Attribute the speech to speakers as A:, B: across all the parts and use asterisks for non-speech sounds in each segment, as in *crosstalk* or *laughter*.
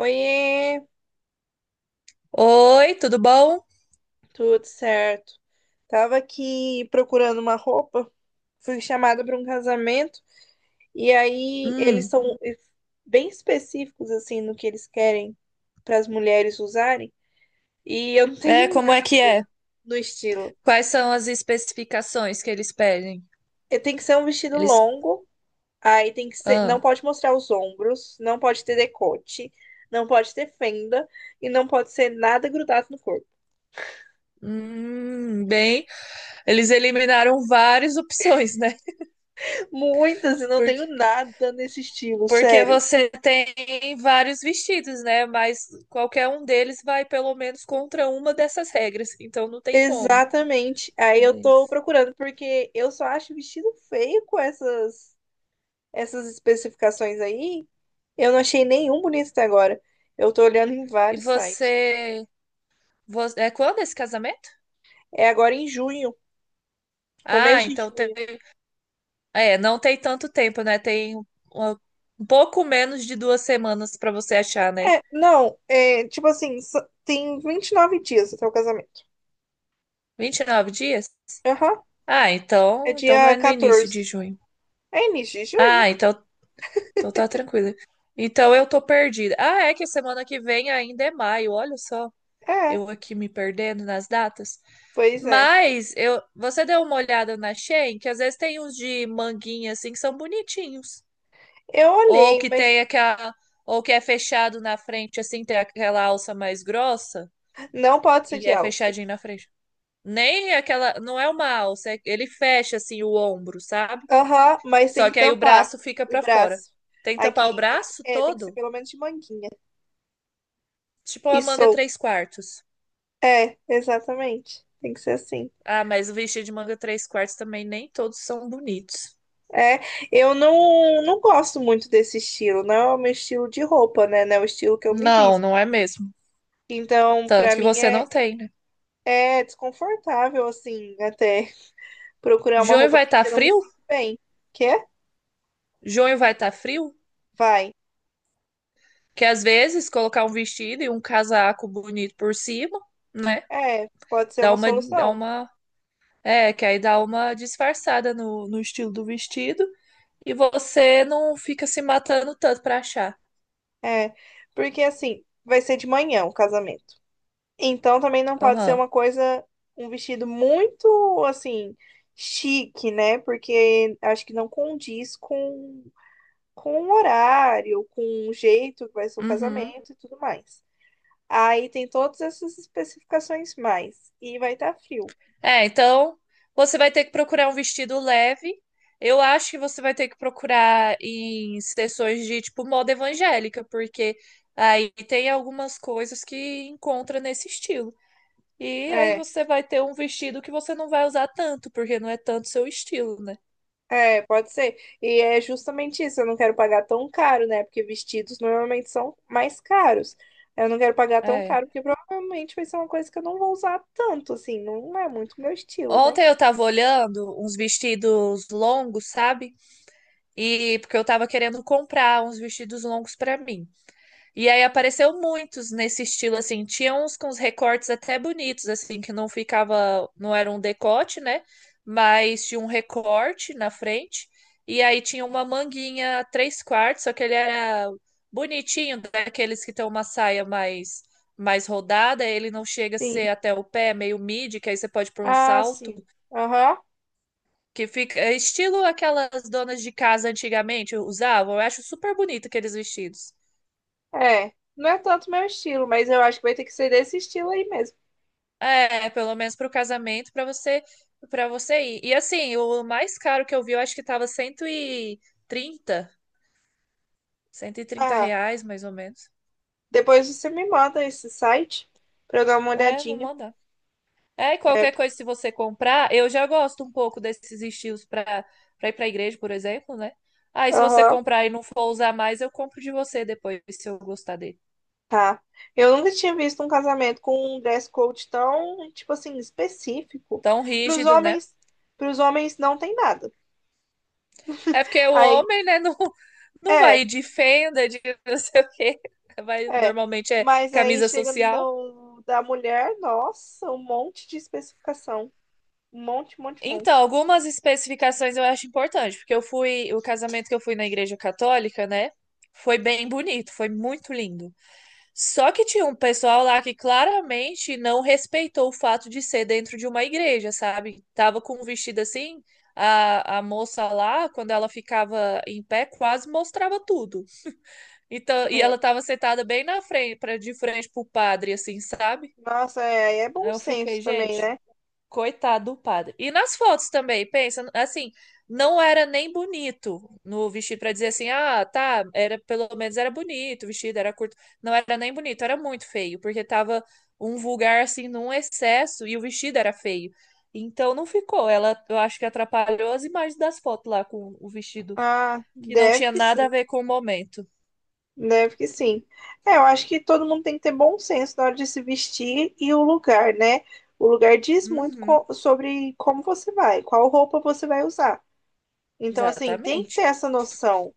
A: Oiê,
B: Oi, tudo bom?
A: tudo certo? Tava aqui procurando uma roupa, fui chamada para um casamento e aí eles
B: Hum.
A: são bem específicos assim no que eles querem para as mulheres usarem e eu não *laughs*
B: É,
A: tenho
B: como é
A: nada
B: que é?
A: no estilo.
B: Quais são as especificações que eles pedem?
A: Tem que ser um vestido
B: Eles,
A: longo, aí tem que ser, não
B: ah,
A: pode mostrar os ombros, não pode ter decote, não pode ter fenda e não pode ser nada grudado no corpo.
B: bem, eles eliminaram várias opções, né?
A: *laughs* Muitas, e não
B: Porque,
A: tenho nada nesse estilo,
B: porque
A: sério.
B: você tem vários vestidos, né? Mas qualquer um deles vai pelo menos contra uma dessas regras, então não tem como.
A: Exatamente.
B: É
A: Aí eu tô
B: deles.
A: procurando, porque eu só acho vestido feio com essas especificações aí. Eu não achei nenhum bonito até agora. Eu tô olhando em
B: E
A: vários sites.
B: você, É quando esse casamento?
A: É agora em junho,
B: Ah,
A: começo de
B: então.
A: junho.
B: É, não tem tanto tempo, né? Tem uma- um pouco menos de 2 semanas pra você achar, né?
A: É, não, é tipo assim, tem 29 dias até o casamento.
B: 29 dias?
A: Aham,
B: Ah,
A: é
B: então não é
A: dia
B: no início de
A: 14.
B: junho.
A: É início de
B: Ah,
A: junho?
B: então tá tranquila. Então eu tô perdida. Ah, é que semana que vem ainda é maio, olha só.
A: É,
B: Eu aqui me perdendo nas datas.
A: pois é.
B: Você deu uma olhada na Shein, que às vezes tem uns de manguinha assim que são bonitinhos.
A: Eu
B: Ou
A: olhei,
B: que
A: mas
B: tem aquela, ou que é fechado na frente assim, tem aquela alça mais grossa.
A: não pode ser
B: E
A: de
B: é
A: alça.
B: fechadinho na frente. Nem aquela. Não é uma alça, ele fecha assim o ombro, sabe?
A: Aham, mas tem
B: Só
A: que
B: que aí o
A: tampar
B: braço fica
A: o
B: pra fora.
A: braço.
B: Tem que
A: Aqui,
B: tampar o
A: ah,
B: braço
A: é, tem que ser
B: todo,
A: pelo menos de manguinha.
B: tipo
A: E
B: a manga
A: solto.
B: três quartos.
A: É, exatamente. Tem que ser assim.
B: Ah, mas o vestido de manga três quartos também nem todos são bonitos.
A: É, eu não, não gosto muito desse estilo. Não é o meu estilo de roupa, né? Não é o estilo que eu me
B: Não,
A: visto.
B: não é mesmo.
A: Então,
B: Tanto que você não tem, né?
A: é desconfortável, assim, até procurar uma
B: Junho
A: roupa
B: vai
A: assim,
B: estar
A: porque eu não me
B: frio?
A: sinto bem. Quer?
B: Junho vai estar frio?
A: Vai.
B: Que às vezes colocar um vestido e um casaco bonito por cima, né?
A: É, pode ser uma
B: Dá
A: solução.
B: uma É, que aí dá uma disfarçada no estilo do vestido e você não fica se matando tanto pra achar.
A: É, porque assim, vai ser de manhã o casamento. Então também não pode ser
B: Aham.
A: uma coisa, um vestido muito assim, chique, né? Porque acho que não com o horário, com o jeito que vai ser o
B: Uhum.
A: casamento e tudo mais. Aí tem todas essas especificações mais. E vai estar frio.
B: É, então você vai ter que procurar um vestido leve. Eu acho que você vai ter que procurar em sessões de tipo moda evangélica, porque aí tem algumas coisas que encontra nesse estilo. E aí
A: É,
B: você vai ter um vestido que você não vai usar tanto, porque não é tanto seu estilo, né?
A: é, pode ser. E é justamente isso, eu não quero pagar tão caro, né? Porque vestidos normalmente são mais caros. Eu não quero pagar tão
B: É.
A: caro, porque provavelmente vai ser uma coisa que eu não vou usar tanto, assim, não é muito meu estilo, né?
B: Ontem eu tava olhando uns vestidos longos, sabe? E porque eu tava querendo comprar uns vestidos longos pra mim. E aí apareceu muitos nesse estilo assim, tinha uns com os recortes até bonitos assim, que não ficava, não era um decote, né? Mas tinha um recorte na frente. E aí tinha uma manguinha três quartos, só que ele era bonitinho, daqueles que tem uma saia mais rodada, ele não chega a
A: Sim.
B: ser até o pé, meio midi, que aí você pode pôr um
A: Ah,
B: salto.
A: sim. Aham.
B: Que fica é estilo aquelas donas de casa antigamente usavam. Eu acho super bonito aqueles vestidos.
A: É. Não é tanto meu estilo, mas eu acho que vai ter que ser desse estilo aí mesmo.
B: É, pelo menos pro casamento, pra você para você ir. E assim, o mais caro que eu vi, eu acho que tava trinta cento e trinta
A: Ah,
B: reais, mais ou menos.
A: depois você me manda esse site pra eu dar uma
B: É, vou
A: olhadinha.
B: mandar. É, e
A: É.
B: qualquer coisa, se você comprar, eu já gosto um pouco desses estilos para ir pra igreja, por exemplo, né? Aí, se você
A: Aham.
B: comprar e não for usar mais, eu compro de você depois, se eu gostar dele.
A: Tá. Eu nunca tinha visto um casamento com um dress code tão, tipo assim, específico.
B: Tão
A: Para os
B: rígido, né?
A: homens, para os homens não tem nada.
B: É porque o
A: Aí,
B: homem, né, não, não vai
A: é,
B: de fenda, de não sei o quê. Vai,
A: é.
B: normalmente é
A: Mas aí
B: camisa
A: chega
B: social.
A: no da mulher, nossa, um monte de especificação. Um monte, monte,
B: Então,
A: monte.
B: algumas especificações eu acho importante, porque eu fui, o casamento que eu fui na igreja católica, né? Foi bem bonito, foi muito lindo. Só que tinha um pessoal lá que claramente não respeitou o fato de ser dentro de uma igreja, sabe? Tava com um vestido assim, a moça lá, quando ela ficava em pé, quase mostrava tudo. Então, e
A: É.
B: ela tava sentada bem na frente, de frente pro padre, assim, sabe?
A: Nossa, é, aí é
B: Aí
A: bom
B: eu
A: senso
B: fiquei,
A: também,
B: gente,
A: né?
B: coitado do padre. E nas fotos também, pensa, assim, não era nem bonito no vestido pra dizer assim, ah, tá, era pelo menos era bonito, o vestido era curto. Não era nem bonito, era muito feio, porque tava um vulgar assim num excesso e o vestido era feio. Então não ficou. Ela, eu acho que atrapalhou as imagens das fotos lá com o vestido,
A: Ah,
B: que não
A: deve
B: tinha
A: que
B: nada
A: sim,
B: a ver com o momento.
A: deve que sim. É, eu acho que todo mundo tem que ter bom senso na hora de se vestir e o lugar, né? O lugar diz muito
B: Uhum,
A: sobre como você vai, qual roupa você vai usar. Então, assim, tem que ter
B: exatamente.
A: essa noção.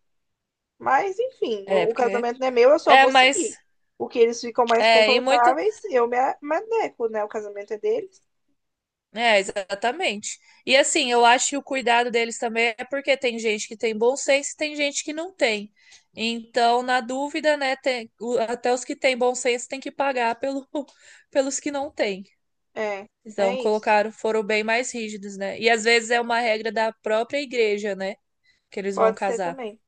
A: Mas, enfim,
B: É,
A: o
B: porque.
A: casamento não é meu, eu só
B: É,
A: vou seguir.
B: mas.
A: O que eles ficam mais
B: É, e muita.
A: confortáveis, me adequo, né? O casamento é deles.
B: É, exatamente. E assim, eu acho que o cuidado deles também é porque tem gente que tem bom senso e tem gente que não tem. Então, na dúvida, né, até os que têm bom senso têm que pagar pelo, *laughs* pelos que não têm.
A: É, é
B: Então,
A: isso.
B: colocaram, foram bem mais rígidos, né? E às vezes é uma regra da própria igreja, né? Que eles vão
A: Pode ser
B: casar.
A: também.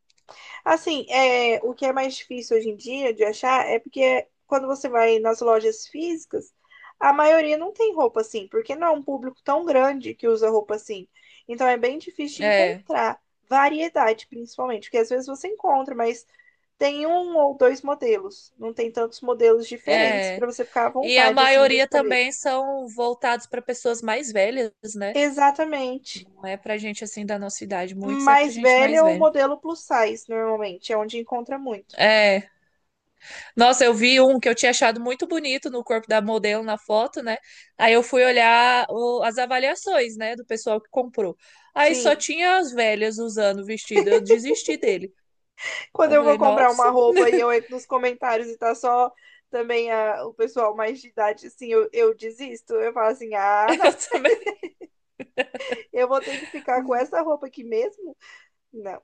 A: Assim, é, o que é mais difícil hoje em dia de achar é porque quando você vai nas lojas físicas, a maioria não tem roupa assim, porque não é um público tão grande que usa roupa assim. Então é bem difícil de
B: É,
A: encontrar variedade, principalmente, porque às vezes você encontra, mas tem um ou dois modelos, não tem tantos modelos diferentes
B: é.
A: para você ficar à
B: E a
A: vontade assim para
B: maioria
A: escolher.
B: também são voltados para pessoas mais velhas, né?
A: Exatamente.
B: Não é pra gente assim da nossa idade, muitos é pra
A: Mais
B: gente
A: velha
B: mais
A: é o
B: velha.
A: modelo plus size, normalmente, é onde encontra muito.
B: É. Nossa, eu vi um que eu tinha achado muito bonito no corpo da modelo na foto, né? Aí eu fui olhar as avaliações, né, do pessoal que comprou. Aí só
A: Sim.
B: tinha as velhas usando o vestido. Eu desisti dele.
A: Quando
B: Eu
A: eu vou
B: falei,
A: comprar
B: nossa,
A: uma roupa e eu entro nos comentários e tá só também o pessoal mais de idade, assim, eu desisto. Eu falo assim,
B: *laughs*
A: ah,
B: eu
A: não,
B: também.
A: eu vou ter que ficar com essa roupa aqui mesmo? Não.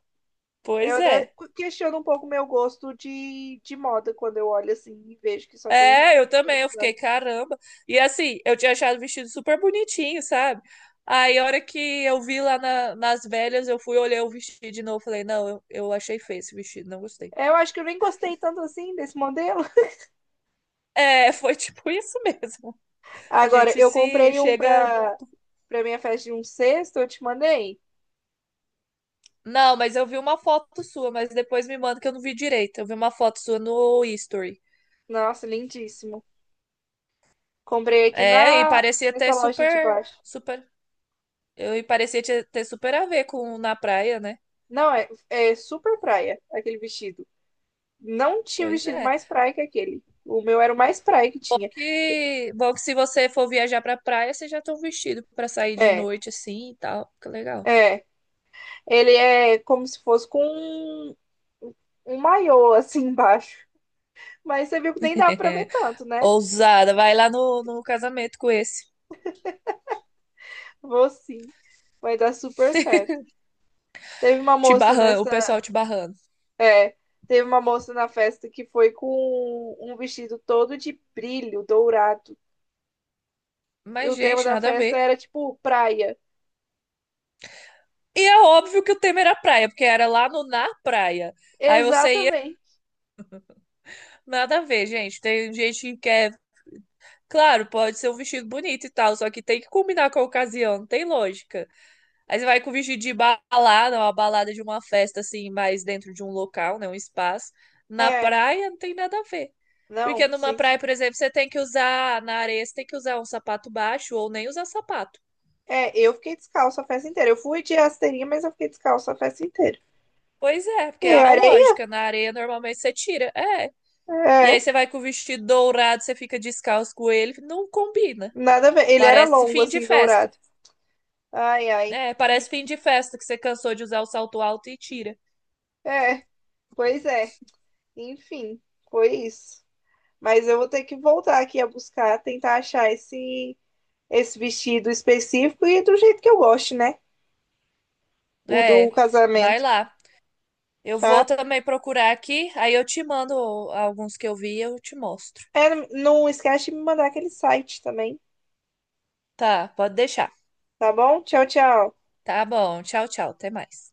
A: Eu
B: Pois
A: até
B: é.
A: questiono um pouco o meu gosto de moda quando eu olho assim e vejo que só tem gente
B: É, eu
A: mais
B: também,
A: velha
B: eu fiquei,
A: usando.
B: caramba. E assim, eu tinha achado o vestido super bonitinho, sabe? Aí, a hora que eu vi lá nas velhas, eu fui olhar o vestido de novo, falei, não, eu achei feio esse vestido, não gostei.
A: Eu acho que eu nem gostei tanto assim desse modelo.
B: É, foi *laughs* tipo isso mesmo. A
A: Agora,
B: gente
A: eu
B: se
A: comprei um
B: chega.
A: pra, pra minha festa de um sexto, eu te mandei.
B: Não, mas eu vi uma foto sua, mas depois me manda que eu não vi direito. Eu vi uma foto sua no History.
A: Nossa, lindíssimo. Comprei aqui
B: É, e
A: na,
B: parecia
A: nessa
B: ter
A: loja de
B: super,
A: baixo.
B: super. Eu, e parecia ter super a ver com na praia, né?
A: Não, é, é super praia aquele vestido. Não tinha
B: Pois
A: vestido
B: é.
A: mais praia que aquele. O meu era o mais praia que tinha.
B: Que bom que se você for viajar pra praia, você já tá vestido pra sair de
A: É,
B: noite assim e tal. Fica legal.
A: é. Ele é como se fosse com um, um maiô assim embaixo. Mas você viu que nem dava pra ver
B: *laughs*
A: tanto, né?
B: Ousada, vai lá no casamento com esse.
A: Vou sim. Vai dar super certo. Teve uma
B: Te
A: moça
B: barrando, o
A: nessa.
B: pessoal te barrando.
A: É, teve uma moça na festa que foi com um vestido todo de brilho dourado. E
B: Mas,
A: o tema
B: gente,
A: da
B: nada a
A: festa
B: ver.
A: era tipo praia.
B: E é óbvio que o tema era praia, porque era lá no na praia. Aí você ia,
A: Exatamente.
B: nada a ver, gente. Tem gente que quer, claro, pode ser um vestido bonito e tal, só que tem que combinar com a ocasião, não tem lógica. Aí você vai com vestido de balada, uma balada de uma festa, assim, mais dentro de um local, né? Um espaço. Na
A: É.
B: praia não tem nada a ver. Porque
A: Não,
B: numa
A: sim, sim.
B: praia, por exemplo, você tem que usar, na areia, você tem que usar um sapato baixo ou nem usar sapato.
A: É, eu fiquei descalço a festa inteira. Eu fui de rasteirinha, mas eu fiquei descalço a festa inteira.
B: Pois é, porque
A: E
B: é a
A: areia?
B: lógica. Na areia, normalmente você tira. É. E aí
A: É,
B: você vai com o vestido dourado, você fica descalço com ele. Não combina.
A: nada a ver. Ele era
B: Parece
A: longo,
B: fim de
A: assim,
B: festa.
A: dourado. Ai, ai.
B: É, parece
A: *laughs*
B: fim de festa que você cansou de usar o salto alto e tira.
A: É, pois é. Enfim, foi isso. Mas eu vou ter que voltar aqui a buscar, tentar achar esse vestido específico e do jeito que eu gosto, né? O do
B: É, vai
A: casamento,
B: lá. Eu vou
A: tá?
B: também procurar aqui, aí eu te mando alguns que eu vi e eu te mostro.
A: É, não esquece de me mandar aquele site também,
B: Tá, pode deixar.
A: tá bom? Tchau, tchau.
B: Tá bom, tchau, tchau, até mais.